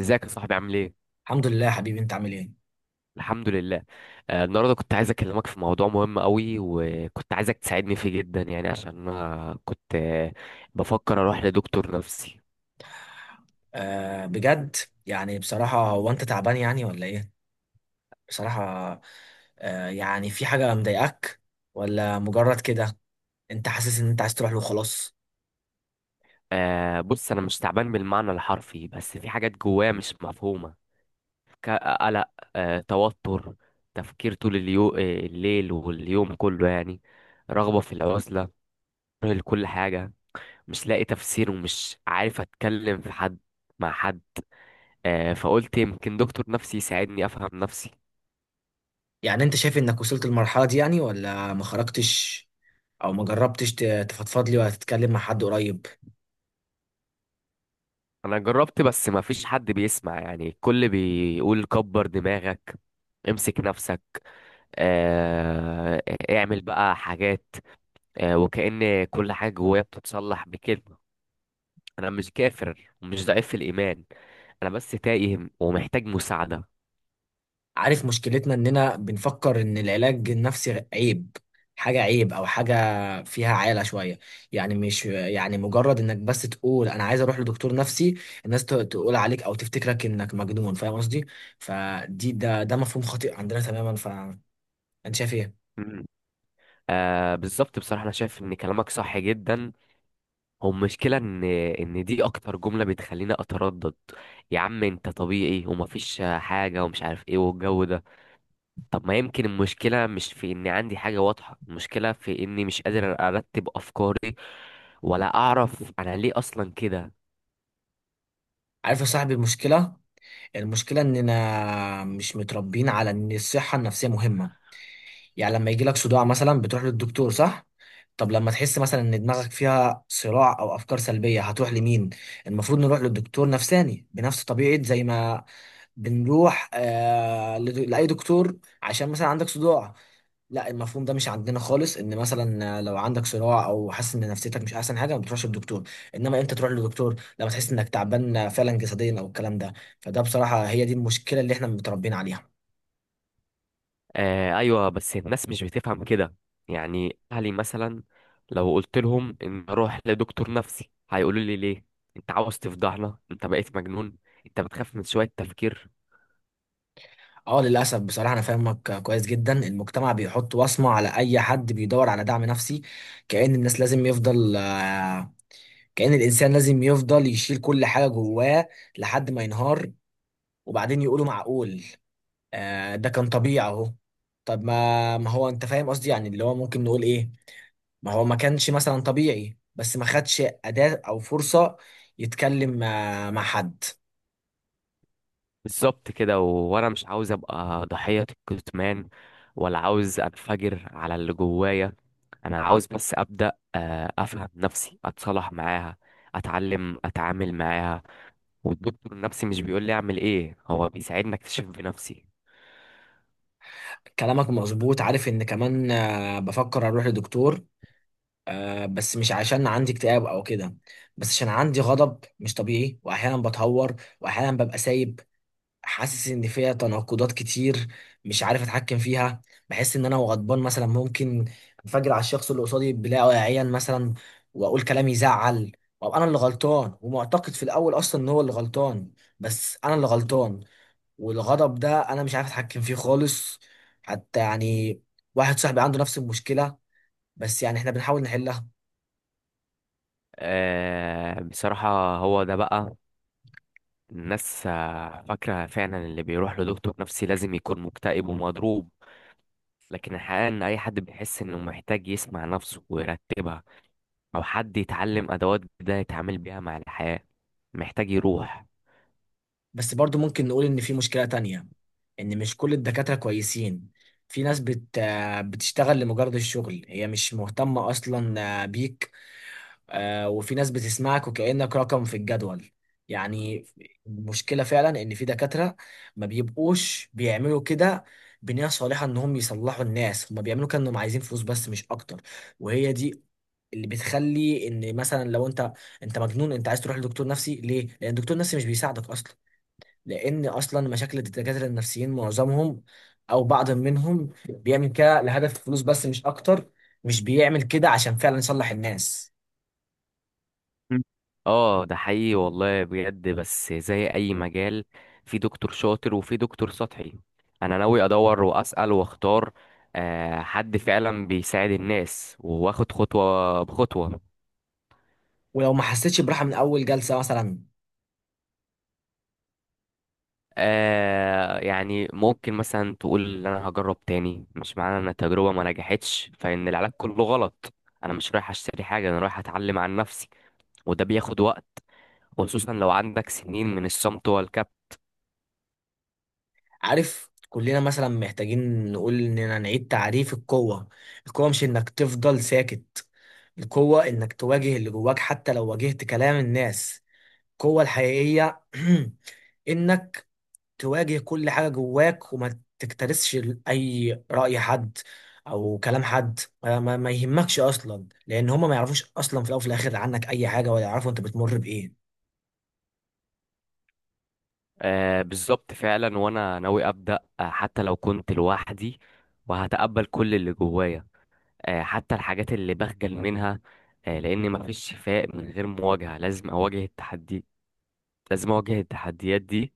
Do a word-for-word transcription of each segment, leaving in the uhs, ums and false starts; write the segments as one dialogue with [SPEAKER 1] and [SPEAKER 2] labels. [SPEAKER 1] ازيك يا صاحبي عامل ايه؟
[SPEAKER 2] الحمد لله يا حبيبي، انت عامل ايه؟
[SPEAKER 1] الحمد لله. آه، النهارده كنت عايز اكلمك في موضوع مهم قوي، وكنت عايزك تساعدني فيه جدا يعني، عشان انا كنت آه، بفكر اروح لدكتور نفسي.
[SPEAKER 2] آه بجد؟ يعني بصراحة، هو انت تعبان يعني ولا ايه؟ بصراحة. آه يعني في حاجة مضايقاك؟ ولا مجرد كده؟ انت حاسس ان انت عايز تروح له خلاص؟
[SPEAKER 1] آه، بص انا مش تعبان بالمعنى الحرفي، بس في حاجات جوايا مش مفهومة. ك- قلق، آه، توتر، تفكير طول اليو... آه، الليل واليوم كله يعني، رغبة في العزلة، كره لكل حاجة. مش لاقي تفسير ومش عارف اتكلم في حد مع حد. آه، فقلت يمكن دكتور نفسي يساعدني افهم نفسي.
[SPEAKER 2] يعني انت شايف انك وصلت للمرحلة دي يعني ولا ما خرجتش، او ما جربتش ت- تفضفض لي، ولا تتكلم مع حد قريب؟
[SPEAKER 1] انا جربت، بس ما فيش حد بيسمع، يعني الكل بيقول كبر دماغك، امسك نفسك، آه، اعمل بقى حاجات، آه، وكأن كل حاجة جوايا بتتصلح بكلمة. انا مش كافر ومش ضعيف في الايمان، انا بس تايه ومحتاج مساعدة.
[SPEAKER 2] عارف مشكلتنا، اننا بنفكر ان العلاج النفسي عيب، حاجة عيب او حاجة فيها عالة شوية. يعني مش يعني مجرد انك بس تقول انا عايز اروح لدكتور نفسي، الناس ت- تقول عليك او تفتكرك انك مجنون، فاهم قصدي؟ فدي ده ده مفهوم خاطئ عندنا تماما، فانت شايف ايه؟
[SPEAKER 1] مم. آه بالظبط، بصراحة انا شايف ان كلامك صح جدا. هو المشكلة إن إن دي أكتر جملة بتخليني أتردد: يا عم أنت طبيعي ومفيش حاجة ومش عارف إيه والجو ده. طب ما يمكن المشكلة مش في إني عندي حاجة واضحة، المشكلة في إني مش قادر أرتب أفكاري ولا أعرف أنا ليه أصلا كده.
[SPEAKER 2] عارف يا صاحبي، المشكلة المشكلة اننا مش متربيين على ان الصحة النفسية مهمة. يعني لما يجيلك صداع مثلا بتروح للدكتور، صح؟ طب لما تحس مثلا ان دماغك فيها صراع او افكار سلبيه، هتروح لمين؟ المفروض نروح للدكتور نفساني بنفس طبيعه زي ما بنروح آه لد- لاي دكتور، عشان مثلا عندك صداع. لا، المفهوم ده مش عندنا خالص، ان مثلا لو عندك صراع او حاسس ان نفسيتك مش احسن حاجه ما بتروحش للدكتور. انما امتى تروح للدكتور؟ لما تحس انك تعبان فعلا جسديا او الكلام ده. فده بصراحه، هي دي المشكله اللي احنا متربيين عليها.
[SPEAKER 1] آه أيوة، بس الناس مش بتفهم كده، يعني أهلي مثلا لو قلت لهم إن أروح لدكتور نفسي هيقولوا لي ليه؟ أنت عاوز تفضحنا؟ أنت بقيت مجنون، أنت بتخاف من شوية تفكير.
[SPEAKER 2] اه، للاسف بصراحه انا فاهمك كويس جدا. المجتمع بيحط وصمه على اي حد بيدور على دعم نفسي. كأن الناس لازم يفضل آه، كأن الانسان لازم يفضل يشيل كل حاجه جواه لحد ما ينهار، وبعدين يقولوا معقول؟ آه، ده كان طبيعي اهو. طب، ما ما هو انت فاهم قصدي، يعني اللي هو ممكن نقول ايه. ما هو ما كانش مثلا طبيعي، بس ما خدش أداة او فرصة يتكلم آه، مع حد.
[SPEAKER 1] بالظبط كده، وانا مش عاوز ابقى ضحية الكتمان، ولا عاوز انفجر على اللي جوايا. انا عاوز بس ابدا آه، افهم نفسي، اتصالح معاها، اتعلم اتعامل معاها. والدكتور النفسي مش بيقول لي اعمل ايه، هو بيساعدني اكتشف بنفسي.
[SPEAKER 2] كلامك مظبوط، عارف ان كمان آه، بفكر اروح لدكتور. آه بس مش عشان عندي اكتئاب او كده. بس عشان عندي غضب مش طبيعي، واحيانا بتهور، واحيانا ببقى سايب. حاسس ان فيها تناقضات كتير، مش عارف اتحكم فيها. بحس ان انا وغضبان مثلا ممكن انفجر على الشخص اللي قصادي بلا واعيا مثلا، واقول كلام يزعل. وابقى انا اللي غلطان، ومعتقد في الاول اصلا ان هو اللي غلطان، بس انا اللي غلطان. والغضب ده انا مش عارف اتحكم فيه خالص. حتى يعني واحد صاحبي عنده نفس المشكلة، بس يعني احنا بنحاول نحلها.
[SPEAKER 1] آه، بصراحة هو ده بقى، الناس آه، فاكرة فعلا اللي بيروح لدكتور نفسي لازم يكون مكتئب ومضروب، لكن الحقيقة ان اي حد بيحس انه محتاج يسمع نفسه ويرتبها، او حد يتعلم ادوات جديده يتعامل بيها مع الحياه، محتاج يروح.
[SPEAKER 2] بس برضو ممكن نقول ان في مشكلة تانية، ان مش كل الدكاترة كويسين. في ناس بت آه، بتشتغل لمجرد الشغل، هي مش مهتمة اصلا آه، بيك. آه، وفي ناس بتسمعك وكأنك رقم في الجدول يعني. المشكلة فعلا ان في دكاترة ما بيبقوش بيعملوا كده بنية صالحة انهم يصلحوا الناس، هما بيعملوا كأنهم عايزين فلوس بس، مش اكتر. وهي دي اللي بتخلي ان مثلا لو انت انت مجنون انت عايز تروح لدكتور نفسي ليه؟ لان الدكتور النفسي مش بيساعدك اصلا. لان اصلا مشاكل الدكاتره النفسيين معظمهم او بعض منهم بيعمل كده لهدف الفلوس بس، مش اكتر، مش بيعمل كده عشان فعلا يصلح الناس.
[SPEAKER 1] مم. اه ده حقيقي والله بجد، بس زي اي مجال، في دكتور شاطر وفي دكتور سطحي. انا ناوي ادور واسال واختار آه، حد فعلا بيساعد الناس واخد خطوه بخطوه.
[SPEAKER 2] ولو ما حسيتش براحه من اول جلسه مثلا.
[SPEAKER 1] آه يعني ممكن مثلا تقول ان انا هجرب تاني، مش معنى ان التجربه ما نجحتش فان العلاج كله غلط. انا مش رايح اشتري حاجه، انا رايح اتعلم عن نفسي، وده بياخد وقت، وخصوصا لو عندك سنين من الصمت والكب.
[SPEAKER 2] عارف، كلنا مثلا محتاجين نقول اننا نعيد تعريف القوه. القوه مش انك تفضل ساكت، القوه انك تواجه اللي جواك حتى لو واجهت كلام الناس. القوه الحقيقيه انك تواجه كل حاجة جواك، وما تكترثش ل- أي رأي حد، أو كلام حد ما، ما ما يهمكش أصلا، لأن هما ما يعرفوش أصلا في الأول وفي الآخر عنك أي حاجة، ولا يعرفوا أنت بتمر بإيه.
[SPEAKER 1] آه بالظبط فعلا، وانا ناوي ابدا آه حتى لو كنت لوحدي، وهتقبل كل اللي جوايا آه حتى الحاجات اللي بخجل منها، آه لان مفيش شفاء من غير مواجهه. لازم اواجه التحدي، لازم اواجه التحديات دي،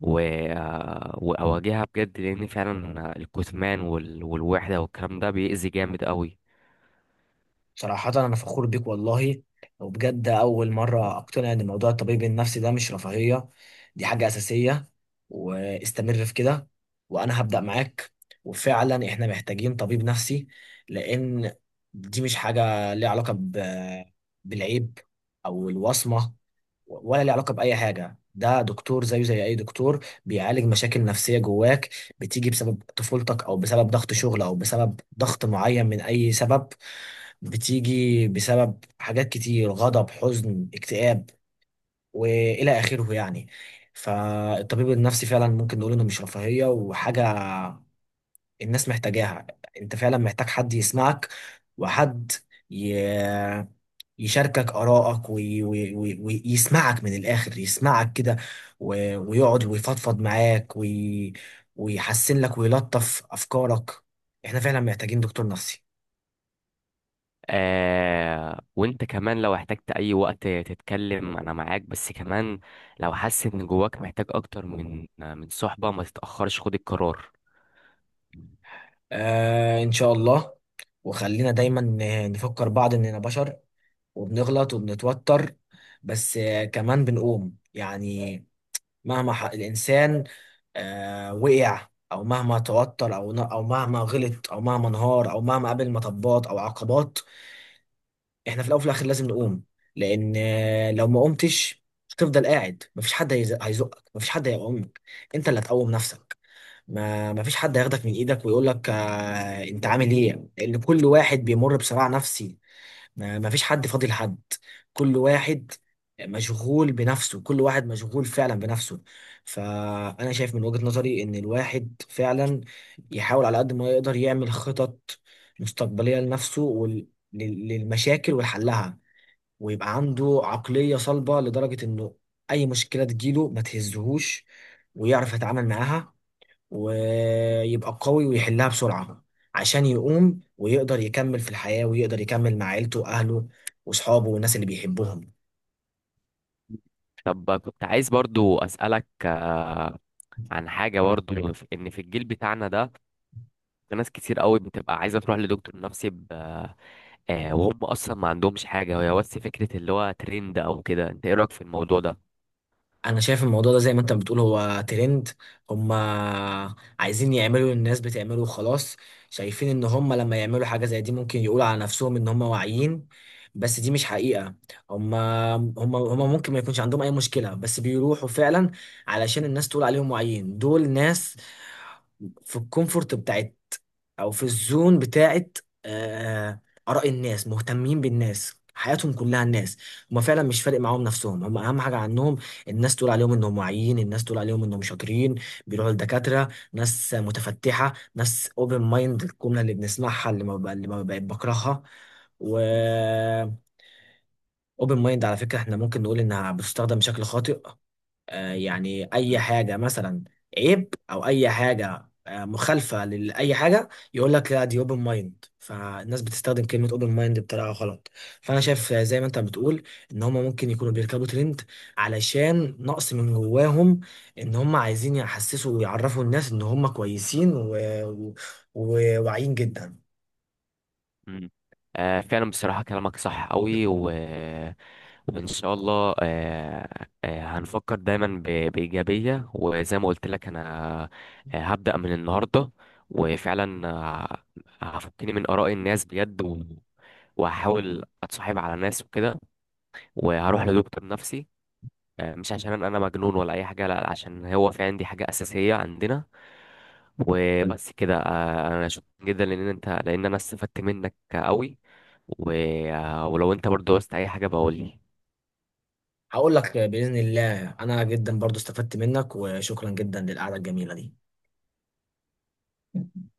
[SPEAKER 1] و... آه، واواجهها بجد، لان فعلا الكتمان وال... والوحده والكلام ده بيأذي جامد قوي.
[SPEAKER 2] صراحة أنا فخور بيك والله. وبجد أول مرة أقتنع إن موضوع الطبيب النفسي ده مش رفاهية، دي حاجة أساسية. واستمر في كده، وأنا هبدأ معاك. وفعلا إحنا محتاجين طبيب نفسي. لأن دي مش حاجة ليها علاقة ب- بالعيب أو الوصمة، ولا ليه علاقة بأي حاجة. ده دكتور زيه زي أي دكتور بيعالج مشاكل نفسية جواك، بتيجي بسبب طفولتك أو بسبب ضغط شغل أو بسبب ضغط معين من أي سبب، بتيجي بسبب حاجات كتير، غضب، حزن، اكتئاب، وإلى آخره يعني. فالطبيب النفسي فعلا ممكن نقول إنه مش رفاهية، وحاجة الناس محتاجاها. أنت فعلا محتاج حد يسمعك، وحد يشاركك آرائك، وي- وي- وي- ويسمعك من الآخر، يسمعك كده، و- ويقعد ويفضفض معاك، وي- ويحسن لك ويلطف أفكارك. إحنا فعلا محتاجين دكتور نفسي.
[SPEAKER 1] آه وانت كمان لو احتجت اي وقت تتكلم انا معاك، بس كمان لو حاسس ان جواك محتاج اكتر من من صحبة، ما تتأخرش، خد القرار.
[SPEAKER 2] آه، إن شاء الله. وخلينا دايما ن- نفكر بعض إننا بشر، وبنغلط وبنتوتر، بس آه كمان بنقوم يعني. مهما ح- الإنسان آه وقع، أو مهما توتر، أو ن- أو مهما غلط، أو مهما انهار، أو مهما قابل مطبات أو عقبات. احنا في الاول وفي الاخر لازم نقوم. لان آه، لو ما قمتش هتفضل قاعد، مفيش حد هيز- هيزقك، مفيش حد هيقومك. انت اللي هتقوم نفسك. ما مفيش حد هياخدك من ايدك ويقول لك آه انت عامل ايه، لان كل واحد بيمر بصراع نفسي. ما مفيش حد فاضي لحد، كل واحد مشغول بنفسه، كل واحد مشغول فعلا بنفسه. فانا شايف من وجهة نظري ان الواحد فعلا يحاول على قد ما يقدر يعمل خطط مستقبلية لنفسه، وال... لل- للمشاكل والحلها. ويبقى عنده عقلية صلبة لدرجة إنه أي مشكلة تجيله ما تهزهوش، ويعرف يتعامل معاها، ويبقى قوي ويحلها بسرعة، عشان يقوم ويقدر يكمل في الحياة، ويقدر يكمل مع عيلته وأهله وأصحابه والناس اللي بيحبهم.
[SPEAKER 1] طب كنت عايز برضو اسألك عن حاجة برضو، في- ان في الجيل بتاعنا ده في ناس كتير قوي بتبقى عايزة تروح لدكتور نفسي ب... آه وهم اصلا ما عندهمش حاجة، هي بس فكرة اللي هو ترند او كده. انت ايه رأيك في الموضوع ده؟
[SPEAKER 2] انا شايف الموضوع ده زي ما انت بتقول، هو ترند، هم عايزين يعملوا الناس بتعمله وخلاص. شايفين ان هم لما يعملوا حاجة زي دي ممكن يقولوا على نفسهم ان هم واعيين، بس دي مش حقيقة. هم هم هم ممكن ما يكونش عندهم اي مشكلة، بس بيروحوا فعلا علشان الناس تقول عليهم واعيين. دول ناس في الكومفورت بتاعت، او في الزون بتاعت، آه، اراء الناس، مهتمين بالناس، حياتهم كلها الناس. هما فعلا مش فارق معاهم نفسهم، هما اهم حاجه عنهم. الناس تقول عليهم انهم واعيين، الناس تقول عليهم انهم شاطرين. بيروحوا لدكاترة، ناس متفتحة، ناس اوبن مايند، الجملة اللي بنسمعها، اللي ما ب- اللي ما بقت بكرهها. و اوبن مايند، على فكرة احنا ممكن نقول انها بتستخدم بشكل خاطئ. آه، يعني اي حاجه مثلا عيب، او اي حاجه آه، مخالفه لاي حاجه، يقول لك لا دي اوبن مايند. فالناس بتستخدم كلمه اوبن مايند بطريقه غلط. فانا شايف آه، زي ما انت بتقول، ان هم ممكن يكونوا بيركبوا ترند، علشان نقص من جواهم. ان هم عايزين يحسسوا ويعرفوا الناس ان هم كويسين، و- و- وواعيين جدا.
[SPEAKER 1] مم. آه فعلا، بصراحة كلامك صح قوي، و... وإن شاء الله آه آه هنفكر دايما ب... بإيجابية، وزي ما قلت لك أنا آه هبدأ من النهاردة. وفعلا آه هفكني من آراء الناس بجد، و... وهحاول أتصاحب على ناس وكده، وهروح لدكتور نفسي، آه، مش عشان انا مجنون ولا اي حاجه، لا عشان هو في عندي حاجه اساسيه عندنا. وبس كده، آه، انا شكرا جدا لان انت لان انا استفدت منك قوي، و... آه، ولو انت برضو عاوزت اي حاجه بقول لي.
[SPEAKER 2] هقول لك آه، باذن الله. انا جدا برضو استفدت منك، وشكرا جدا للقعده الجميله دي.